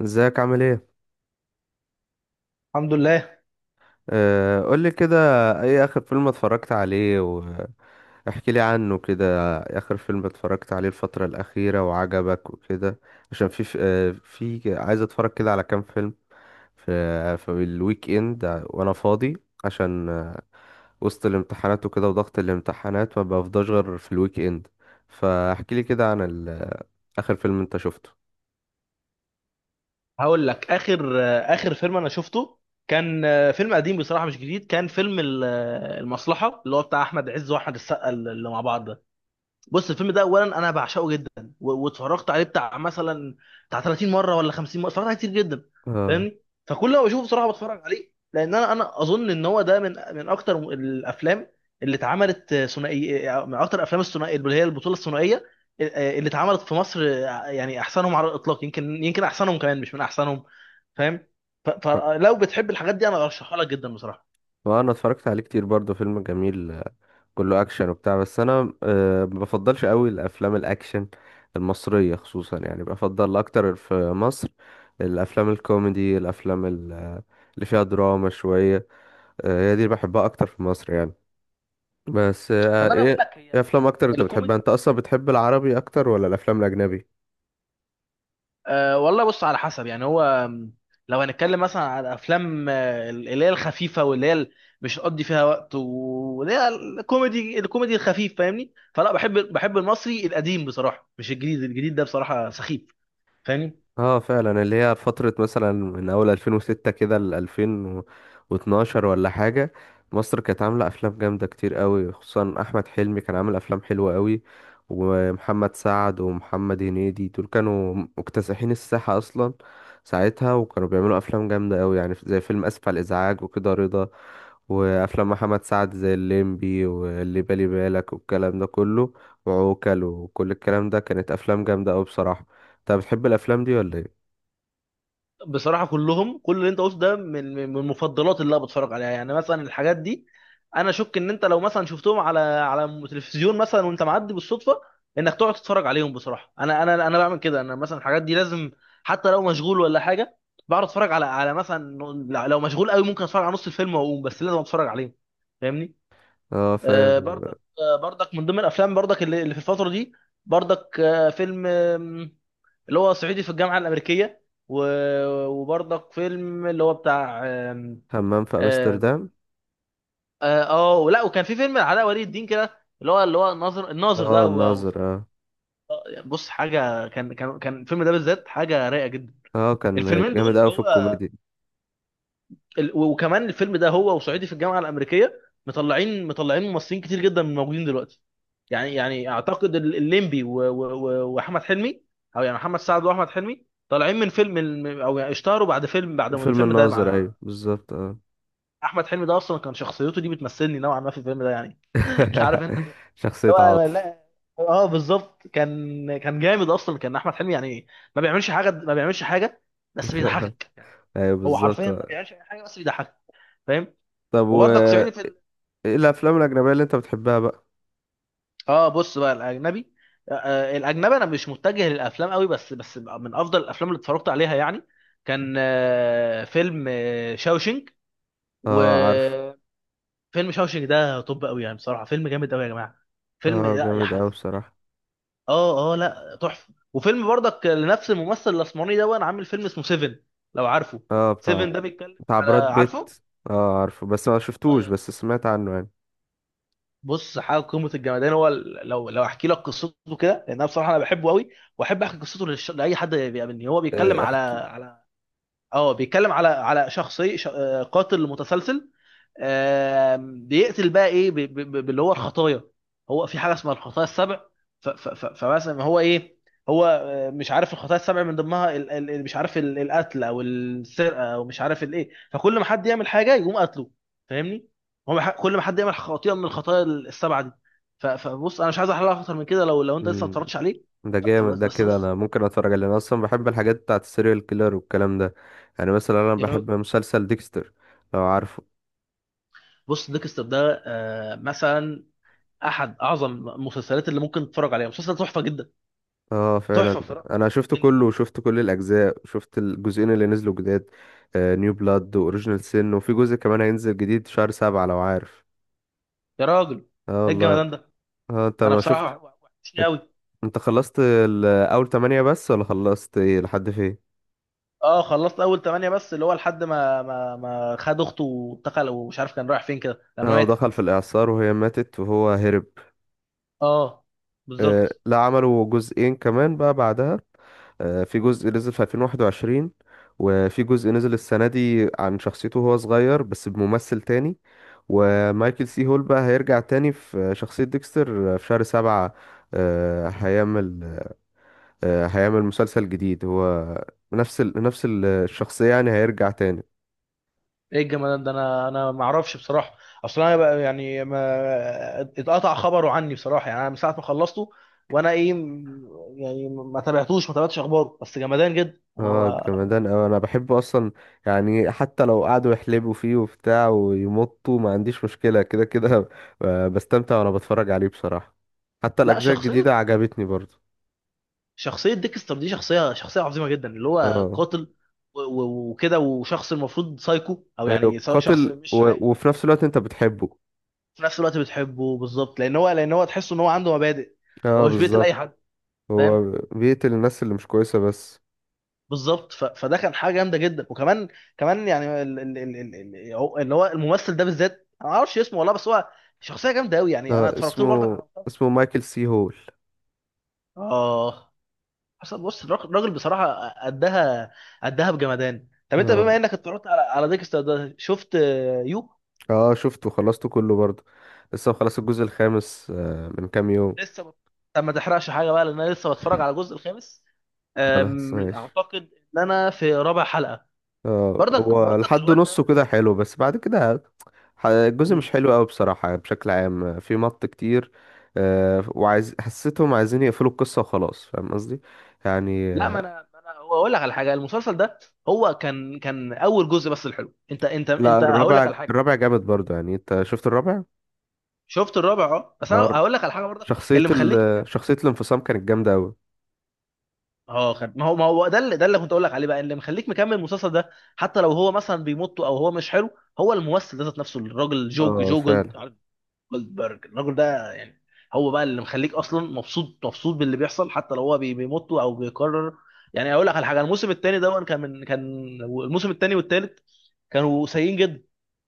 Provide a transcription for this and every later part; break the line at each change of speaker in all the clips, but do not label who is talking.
ازيك؟ عامل ايه؟
الحمد لله.
قولي كده. ايه اخر فيلم اتفرجت عليه؟ واحكي لي عنه كده، اخر فيلم اتفرجت عليه الفترة الأخيرة وعجبك وكده. عشان عايز اتفرج كده على كام فيلم في الويك اند وانا فاضي. عشان آه، وسط الامتحانات وكده وضغط الامتحانات ما بفضاش غير في الويك اند. فاحكي لي كده آخر فيلم انت شفته.
هقول لك اخر فيلم انا شفته، كان فيلم قديم بصراحه مش جديد. كان فيلم المصلحه اللي هو بتاع احمد عز واحمد السقا اللي مع بعض ده. بص الفيلم ده اولا انا بعشقه جدا واتفرجت عليه بتاع 30 مره ولا 50 مره، اتفرجت عليه كتير جدا،
اه،
فاهمني؟ فكل ما بشوفه بصراحه بتفرج عليه، لان انا اظن ان هو ده من اكتر الافلام اللي اتعملت ثنائي، من اكتر الافلام الثنائيه اللي هي البطوله الثنائيه اللي اتعملت في مصر، يعني احسنهم على الاطلاق. يمكن احسنهم كمان مش من احسنهم، فاهم؟ فلو بتحب الحاجات دي انا ارشحها لك جدا بصراحه.
وانا اتفرجت عليه كتير برضه، فيلم جميل. كله اكشن وبتاع، بس انا ما بفضلش قوي الافلام الاكشن المصريه خصوصا. يعني بفضل اكتر في مصر الافلام الكوميدي، الافلام ال- آه، اللي فيها دراما شويه. هي دي اللي بحبها اكتر في مصر يعني. بس
طب انا اقول
ايه
لك هي
ايه افلام اكتر انت بتحبها؟
الكوميدي.
انت اصلا بتحب العربي اكتر ولا الافلام الاجنبي؟
أه والله بص على حسب يعني هو م، لو هنتكلم مثلا على افلام اللي هي الخفيفه واللي هي مش هتقضي فيها وقت، واللي هي الكوميدي الخفيف، فاهمني؟ فلا، بحب المصري القديم بصراحه، مش الجديد. الجديد ده بصراحه سخيف، فاهمني؟
اه فعلا، اللي هي فترة مثلا من أول 2006 كده ل 2012 ولا حاجة. مصر كانت عاملة أفلام جامدة كتير قوي، خصوصا أحمد حلمي كان عامل أفلام حلوة قوي. ومحمد سعد ومحمد هنيدي دول كانوا مكتسحين الساحة أصلا ساعتها، وكانوا بيعملوا أفلام جامدة قوي يعني، زي فيلم آسف على الإزعاج وكده، رضا، وأفلام محمد سعد زي الليمبي واللي بالي بالك والكلام ده كله، وعوكل، وكل الكلام ده كانت أفلام جامدة قوي بصراحة. انت بتحب الافلام دي ولا ايه؟
بصراحة كلهم، كل اللي انت قلته ده من مفضلات اللي انا بتفرج عليها يعني. مثلا الحاجات دي انا اشك ان انت لو مثلا شفتهم على تلفزيون مثلا، وانت معدي بالصدفة، انك تقعد تتفرج عليهم. بصراحة انا انا بعمل كده. انا مثلا الحاجات دي لازم، حتى لو مشغول ولا حاجة، بقعد اتفرج على مثلا، لو مشغول قوي ممكن اتفرج على نص الفيلم واقوم، بس لازم اتفرج عليهم، فاهمني؟
اه فاهم.
برضك، برضك من ضمن الافلام، برضك اللي في الفترة دي، برضك فيلم اللي هو صعيدي في الجامعه الامريكيه، وبرضك فيلم اللي هو بتاع
همام في
آه
امستردام.
ولا، وكان في فيلم علاء ولي الدين كده اللي هو الناظر، ده
اه الناظر اه.
بص حاجه، كان الفيلم ده بالذات حاجه رايقه جدا.
اه كان
الفيلمين دول
جامد قوي في الكوميديا.
وكمان الفيلم ده هو وصعيدي في الجامعه الامريكيه، مطلعين ممثلين كتير جدا من موجودين دلوقتي. يعني اعتقد الليمبي واحمد حلمي، او يعني محمد سعد واحمد حلمي طالعين من فيلم او يعني اشتهروا بعد فيلم، بعد ما
فيلم
الفيلم ده
الناظر،
مع
ايوه بالظبط اه.
احمد حلمي ده اصلا، كان شخصيته دي بتمثلني نوعا ما في الفيلم ده يعني. مش عارف انت.
شخصية
هو
عاطف.
لا. اه بالظبط، كان جامد اصلا كان احمد حلمي، يعني ما بيعملش حاجه، بس بيضحكك يعني.
ايوه
هو
بالظبط
حرفيا ما
آه.
بيعملش اي حاجه بس بيضحكك، فاهم؟
طب، و
وبرضك صعيدي في
ايه الافلام الاجنبية اللي انت بتحبها بقى؟
اه بص بقى الاجنبي. الاجنبي انا مش متجه للافلام قوي، بس من افضل الافلام اللي اتفرجت عليها يعني، كان فيلم شاوشنج،
اه عارف.
وفيلم شاوشنج ده طب قوي يعني، بصراحه فيلم جامد قوي يا جماعه، فيلم
اه
لا يا
جامد قوي
حاف.
بصراحة.
اه اه، لا تحفه. وفيلم برضك لنفس الممثل الاسمراني ده، وانا عامل فيلم اسمه سيفن، لو عارفه.
اه،
سيفن
بتاع
ده بيتكلم
بتاع
على،
براد بيت.
عارفه،
اه عارفه بس ما شفتوش، بس سمعت عنه يعني.
بص حاجه قمه الجمدان، هو لو احكي لك قصته كده، لان انا بصراحه انا بحبه قوي واحب احكي قصته لاي حد بيقابلني. هو بيتكلم
آه،
على اه، بيتكلم على شخصي ش... آه، قاتل متسلسل، بيقتل بقى ايه، باللي هو الخطايا. هو في حاجه اسمها الخطايا السبع، فمثلا هو ايه، هو مش عارف الخطايا السبع من ضمنها مش عارف القتل او السرقه او مش عارف الايه، فكل ما حد يعمل حاجه يقوم قتله، فاهمني؟ هو كل ما حد يعمل خطيئه من الخطايا السبعه دي. فبص انا مش عايز احللها اكتر من كده، لو انت لسه ما
احكي.
اتفرجتش عليه.
ده
فبس-
جامد،
بس
ده
بس
كده
بص
انا ممكن اتفرج عليه. انا اصلا بحب الحاجات بتاعت السيريال كيلر والكلام ده. يعني مثلا انا
يا راجل.
بحب مسلسل ديكستر، لو عارفه.
بص ديكستر ده مثلا احد اعظم المسلسلات اللي ممكن تتفرج عليها، مسلسل تحفه جدا،
اه فعلا.
تحفه بصراحه.
انا شفت
من
كله
كل،
وشفت كل الاجزاء، شفت الجزئين اللي نزلوا جداد، نيو بلاد واوريجينال سين. وفي جزء كمان هينزل جديد شهر سبعة لو عارف.
يا راجل
اه
ايه
والله.
الجمدان ده.
اه انت
انا
ما شفت؟
بصراحه وحشني
انت،
قوي.
اول تمانية بس ولا خلصت إيه؟ لحد فين؟
اه خلصت اول 8 بس، اللي هو لحد ما خد اخته واتقل ومش عارف كان رايح فين كده لما
اه ودخل في
ماتت.
الاعصار وهي ماتت وهو هرب.
اه
آه
بالظبط.
لا، عملوا جزئين كمان بقى بعدها. في جزء نزل في 2021، وفي جزء نزل السنة دي عن شخصيته وهو صغير بس بممثل تاني. ومايكل سي هول بقى هيرجع تاني في شخصية ديكستر في شهر سبعة. آه، هيعمل هيعمل مسلسل جديد هو، نفس الشخصية يعني، هيرجع تاني.
ايه الجمدان ده، انا ما اعرفش بصراحه. اصل انا بقى يعني ما اتقطع خبره عني بصراحه، يعني انا من ساعه ما خلصته وانا ايه يعني ما تابعتش اخباره، بس جمدان جدا. انا
اه جمدان اوي، انا بحبه اصلا. يعني حتى لو قعدوا يحلبوا فيه وبتاع ويمطوا، ما عنديش مشكلة كده كده. بستمتع وانا بتفرج عليه بصراحة. حتى
لا
الاجزاء الجديدة
شخصيه،
عجبتني برضو.
شخصية ديكستر دي شخصية، عظيمة جدا، اللي هو
اه.
قاتل وكده، وشخص المفروض سايكو او يعني
ايوه
شخص
قاتل
مش عاقل،
وفي نفس الوقت انت بتحبه.
في نفس الوقت بتحبه بالظبط، لان هو تحس ان هو عنده مبادئ. هو
اه
مش بيقتل اي
بالظبط.
حد، فاهم؟
هو بيقتل الناس اللي مش كويسة بس.
بالظبط. فده كان حاجة جامدة جدا. وكمان يعني اللي هو الممثل ده بالذات انا ما اعرفش اسمه والله، بس هو شخصية جامدة قوي يعني، انا
آه
اتفرجت له برضك
اسمه،
على
اسمه مايكل سي هول.
اه، حصل، بص الراجل، بصراحه قدها، قدها بجمدان. طب انت
اه.
بما انك اتفرجت على ديكستر ده، شفت يو؟
اه شفته، خلصته كله برضو. لسه خلص الجزء الخامس آه من كام يوم.
لسه بت... طب ما تحرقش حاجه بقى، لان انا لسه بتفرج على الجزء الخامس،
خلاص ماشي.
اعتقد ان انا في رابع حلقه.
اه
برضك
هو لحد
الواد
نصه
ده.
كده حلو، بس بعد كده الجزء مش
مم.
حلو قوي بصراحة، بشكل عام في مط كتير. وعايز، حسيتهم عايزين يقفلوا القصة وخلاص، فاهم قصدي؟ يعني
لا، ما
آه،
انا هو اقول لك على حاجه. المسلسل ده هو كان، اول جزء بس الحلو. انت
لا،
هقول لك
الرابع
على حاجه.
الرابع جامد برضو، يعني انت شفت الرابع؟
شفت الرابع، اه، بس انا
اه الر-
هقول لك على حاجه برضك
شخصية
اللي مخليك.
شخصية الانفصام كانت جامدة قوي.
اه خد، ما هو ده اللي، كنت اقول لك عليه بقى اللي مخليك مكمل المسلسل ده، حتى لو هو مثلا بيمط او هو مش حلو، هو الممثل ده ذات نفسه، الراجل، جو
اه
جو جولد
فعلا.
جولدبرج، الراجل ده يعني هو بقى اللي مخليك اصلا مبسوط، باللي بيحصل حتى لو هو بيمط او بيكرر. يعني اقول لك على حاجه، الموسم الثاني ده كان، من كان الموسم الثاني والثالث كانوا سيئين جدا،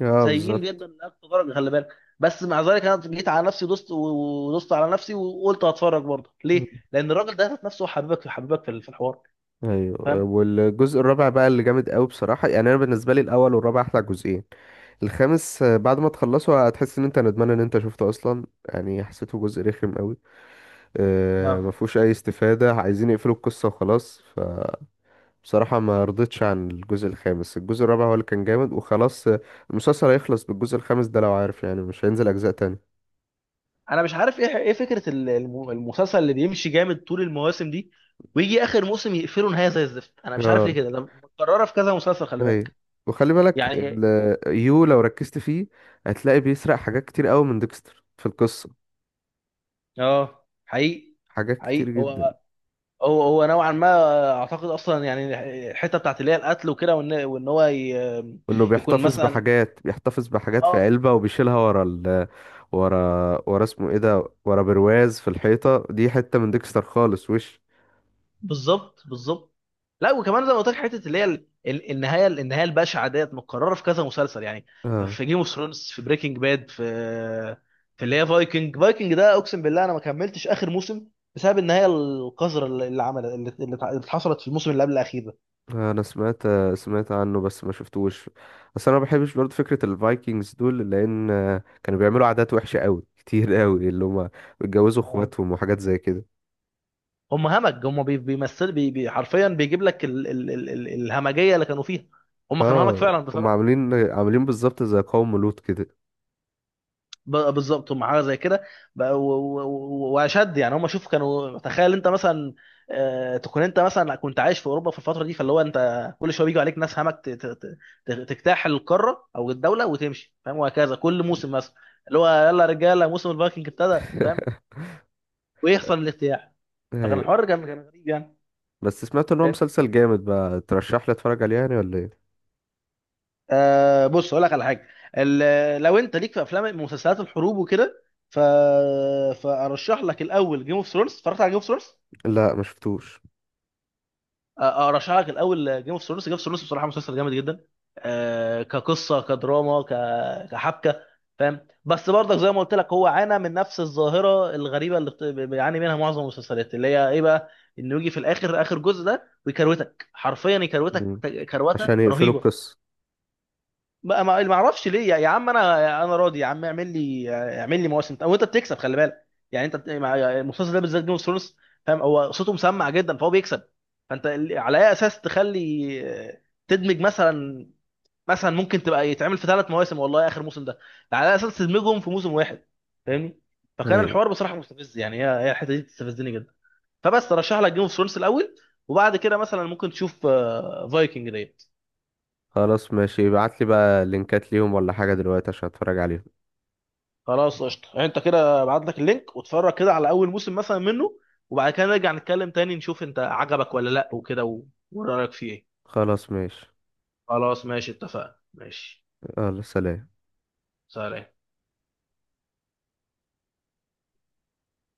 اه
سيئين
بالظبط.
جدا لاقصى درجه، خلي بالك. بس مع ذلك انا جيت على نفسي دوست ودوست على نفسي وقلت هتفرج برضه.
مم.
ليه؟ لان الراجل ده ذات نفسه حبيبك، حبيبك في الحوار،
ايوه،
فاهم؟
والجزء الرابع بقى اللي جامد قوي بصراحة. يعني انا بالنسبة لي الاول والرابع احلى جزئين. الخامس بعد ما تخلصه هتحس ان انت ندمان ان انت شفته اصلا، يعني حسيته جزء رخم قوي. ما
اه
فيهوش اي استفادة، عايزين يقفلوا القصة وخلاص. فبصراحة ما رضيتش عن الجزء الخامس، الجزء الرابع هو اللي كان جامد وخلاص. المسلسل هيخلص بالجزء الخامس ده لو عارف، يعني مش هينزل اجزاء تاني.
انا مش عارف ايه، فكره المسلسل اللي بيمشي جامد طول المواسم دي، ويجي اخر موسم يقفله نهايه زي الزفت. انا مش عارف
اه.
ليه كده، ده متكرره في كذا مسلسل خلي
هي.
بالك يعني.
يو لو ركزت فيه، هتلاقي بيسرق حاجات كتير قوي من ديكستر في القصة،
اه حقيقي،
حاجات كتير
حقيقي
جدا.
هو، نوعا ما اعتقد اصلا يعني الحته بتاعت اللي هي القتل وكده، وان هو
انه
يكون
بيحتفظ
مثلا.
بحاجات، بيحتفظ بحاجات في
اه
علبة وبيشيلها ورا، ورا اسمه ايه ده، ورا برواز في الحيطة، دي حتة من ديكستر خالص وش.
بالظبط، لا وكمان زي ما قلت لك حته اللي هي النهايه، البشعه ديت متكرره في كذا مسلسل يعني.
اه
في جيم اوف ثرونز، في بريكنج باد، في اللي هي فايكنج. ده اقسم بالله انا ما كملتش اخر موسم بسبب النهايه القذره اللي اللي عمل اللي اللي اتع- اللي حصلت في الموسم اللي قبل الاخير ده.
انا سمعت سمعت عنه بس ما شفتوش. بس انا ما بحبش برضه فكرة الفايكنجز دول، لان كانوا بيعملوا عادات وحشة قوي كتير قوي، اللي هما بيتجوزوا
يعني
اخواتهم وحاجات زي كده.
هم همج، هم بيمثل، بي بي حرفيا بيجيب لك ال ال ال ال الهمجيه اللي كانوا فيها، هم كانوا همج
اه
فعلا
هم
بصراحه.
عاملين بالظبط زي قوم لوط كده.
بالظبط هم حاجه زي كده. واشد يعني، هم شوف كانوا، تخيل انت مثلا تكون انت مثلا كنت عايش في اوروبا في الفتره دي، فاللي هو انت كل شويه بيجوا عليك ناس همك تجتاح القاره او الدوله وتمشي، فاهم؟ وهكذا كل موسم مثلا اللي هو يلا يا رجاله موسم الفايكنج ابتدى، فاهم؟ ويحصل الاجتياح. فكان
ايوه،
الحوار كان، غريب يعني،
بس سمعت ان هو
فاهم؟
مسلسل جامد بقى، ترشح لي اتفرج عليه يعني ولا ايه؟
بص اقول لك على حاجه، لو انت ليك في افلام مسلسلات الحروب وكده، ف... فارشح لك الاول جيم اوف ثرونز. اتفرجت على جيم اوف ثرونز؟
لا ما شفتوش.
ارشح لك الاول جيم اوف ثرونز. بصراحه مسلسل جامد جدا، كقصه، كدراما، كحبكه، فاهم؟ بس برضك زي ما قلت لك هو عانى من نفس الظاهره الغريبه اللي بيعاني منها معظم المسلسلات، اللي هي ايه بقى، انه يجي في الاخر اخر جزء ده ويكروتك حرفيا، يكروتك
مم.
كروته
عشان يقفلوا
رهيبه.
القصة.
ما اعرفش ليه يا عم. انا راضي يا عم، اعمل لي، مواسم وانت بتكسب، خلي بالك يعني انت المسلسل ده بالذات، جيم اوف ثرونز، فاهم؟ هو صوته مسمع جدا فهو بيكسب. فانت على اي اساس تخلي، تدمج، مثلا ممكن تبقى يتعمل في 3 مواسم والله اخر موسم ده، على اي اساس تدمجهم في موسم واحد، فاهمني؟ فكان
اي.
الحوار بصراحه مستفز يعني، هي الحته دي بتستفزني جدا. فبس ترشح لك جيم اوف ثرونز الاول، وبعد كده مثلا ممكن تشوف فايكنج ديت.
خلاص ماشي، ابعت لي بقى لينكات ليهم ولا حاجة دلوقتي عشان اتفرج عليهم.
خلاص قشطه، يعني انت كده ابعت لك اللينك واتفرج كده على اول موسم مثلا منه، وبعد كده نرجع نتكلم تاني، نشوف انت عجبك ولا لا وكده ورايك فيه ايه.
خلاص ماشي.
خلاص ماشي، اتفقنا، ماشي،
يلا سلام.
سلام.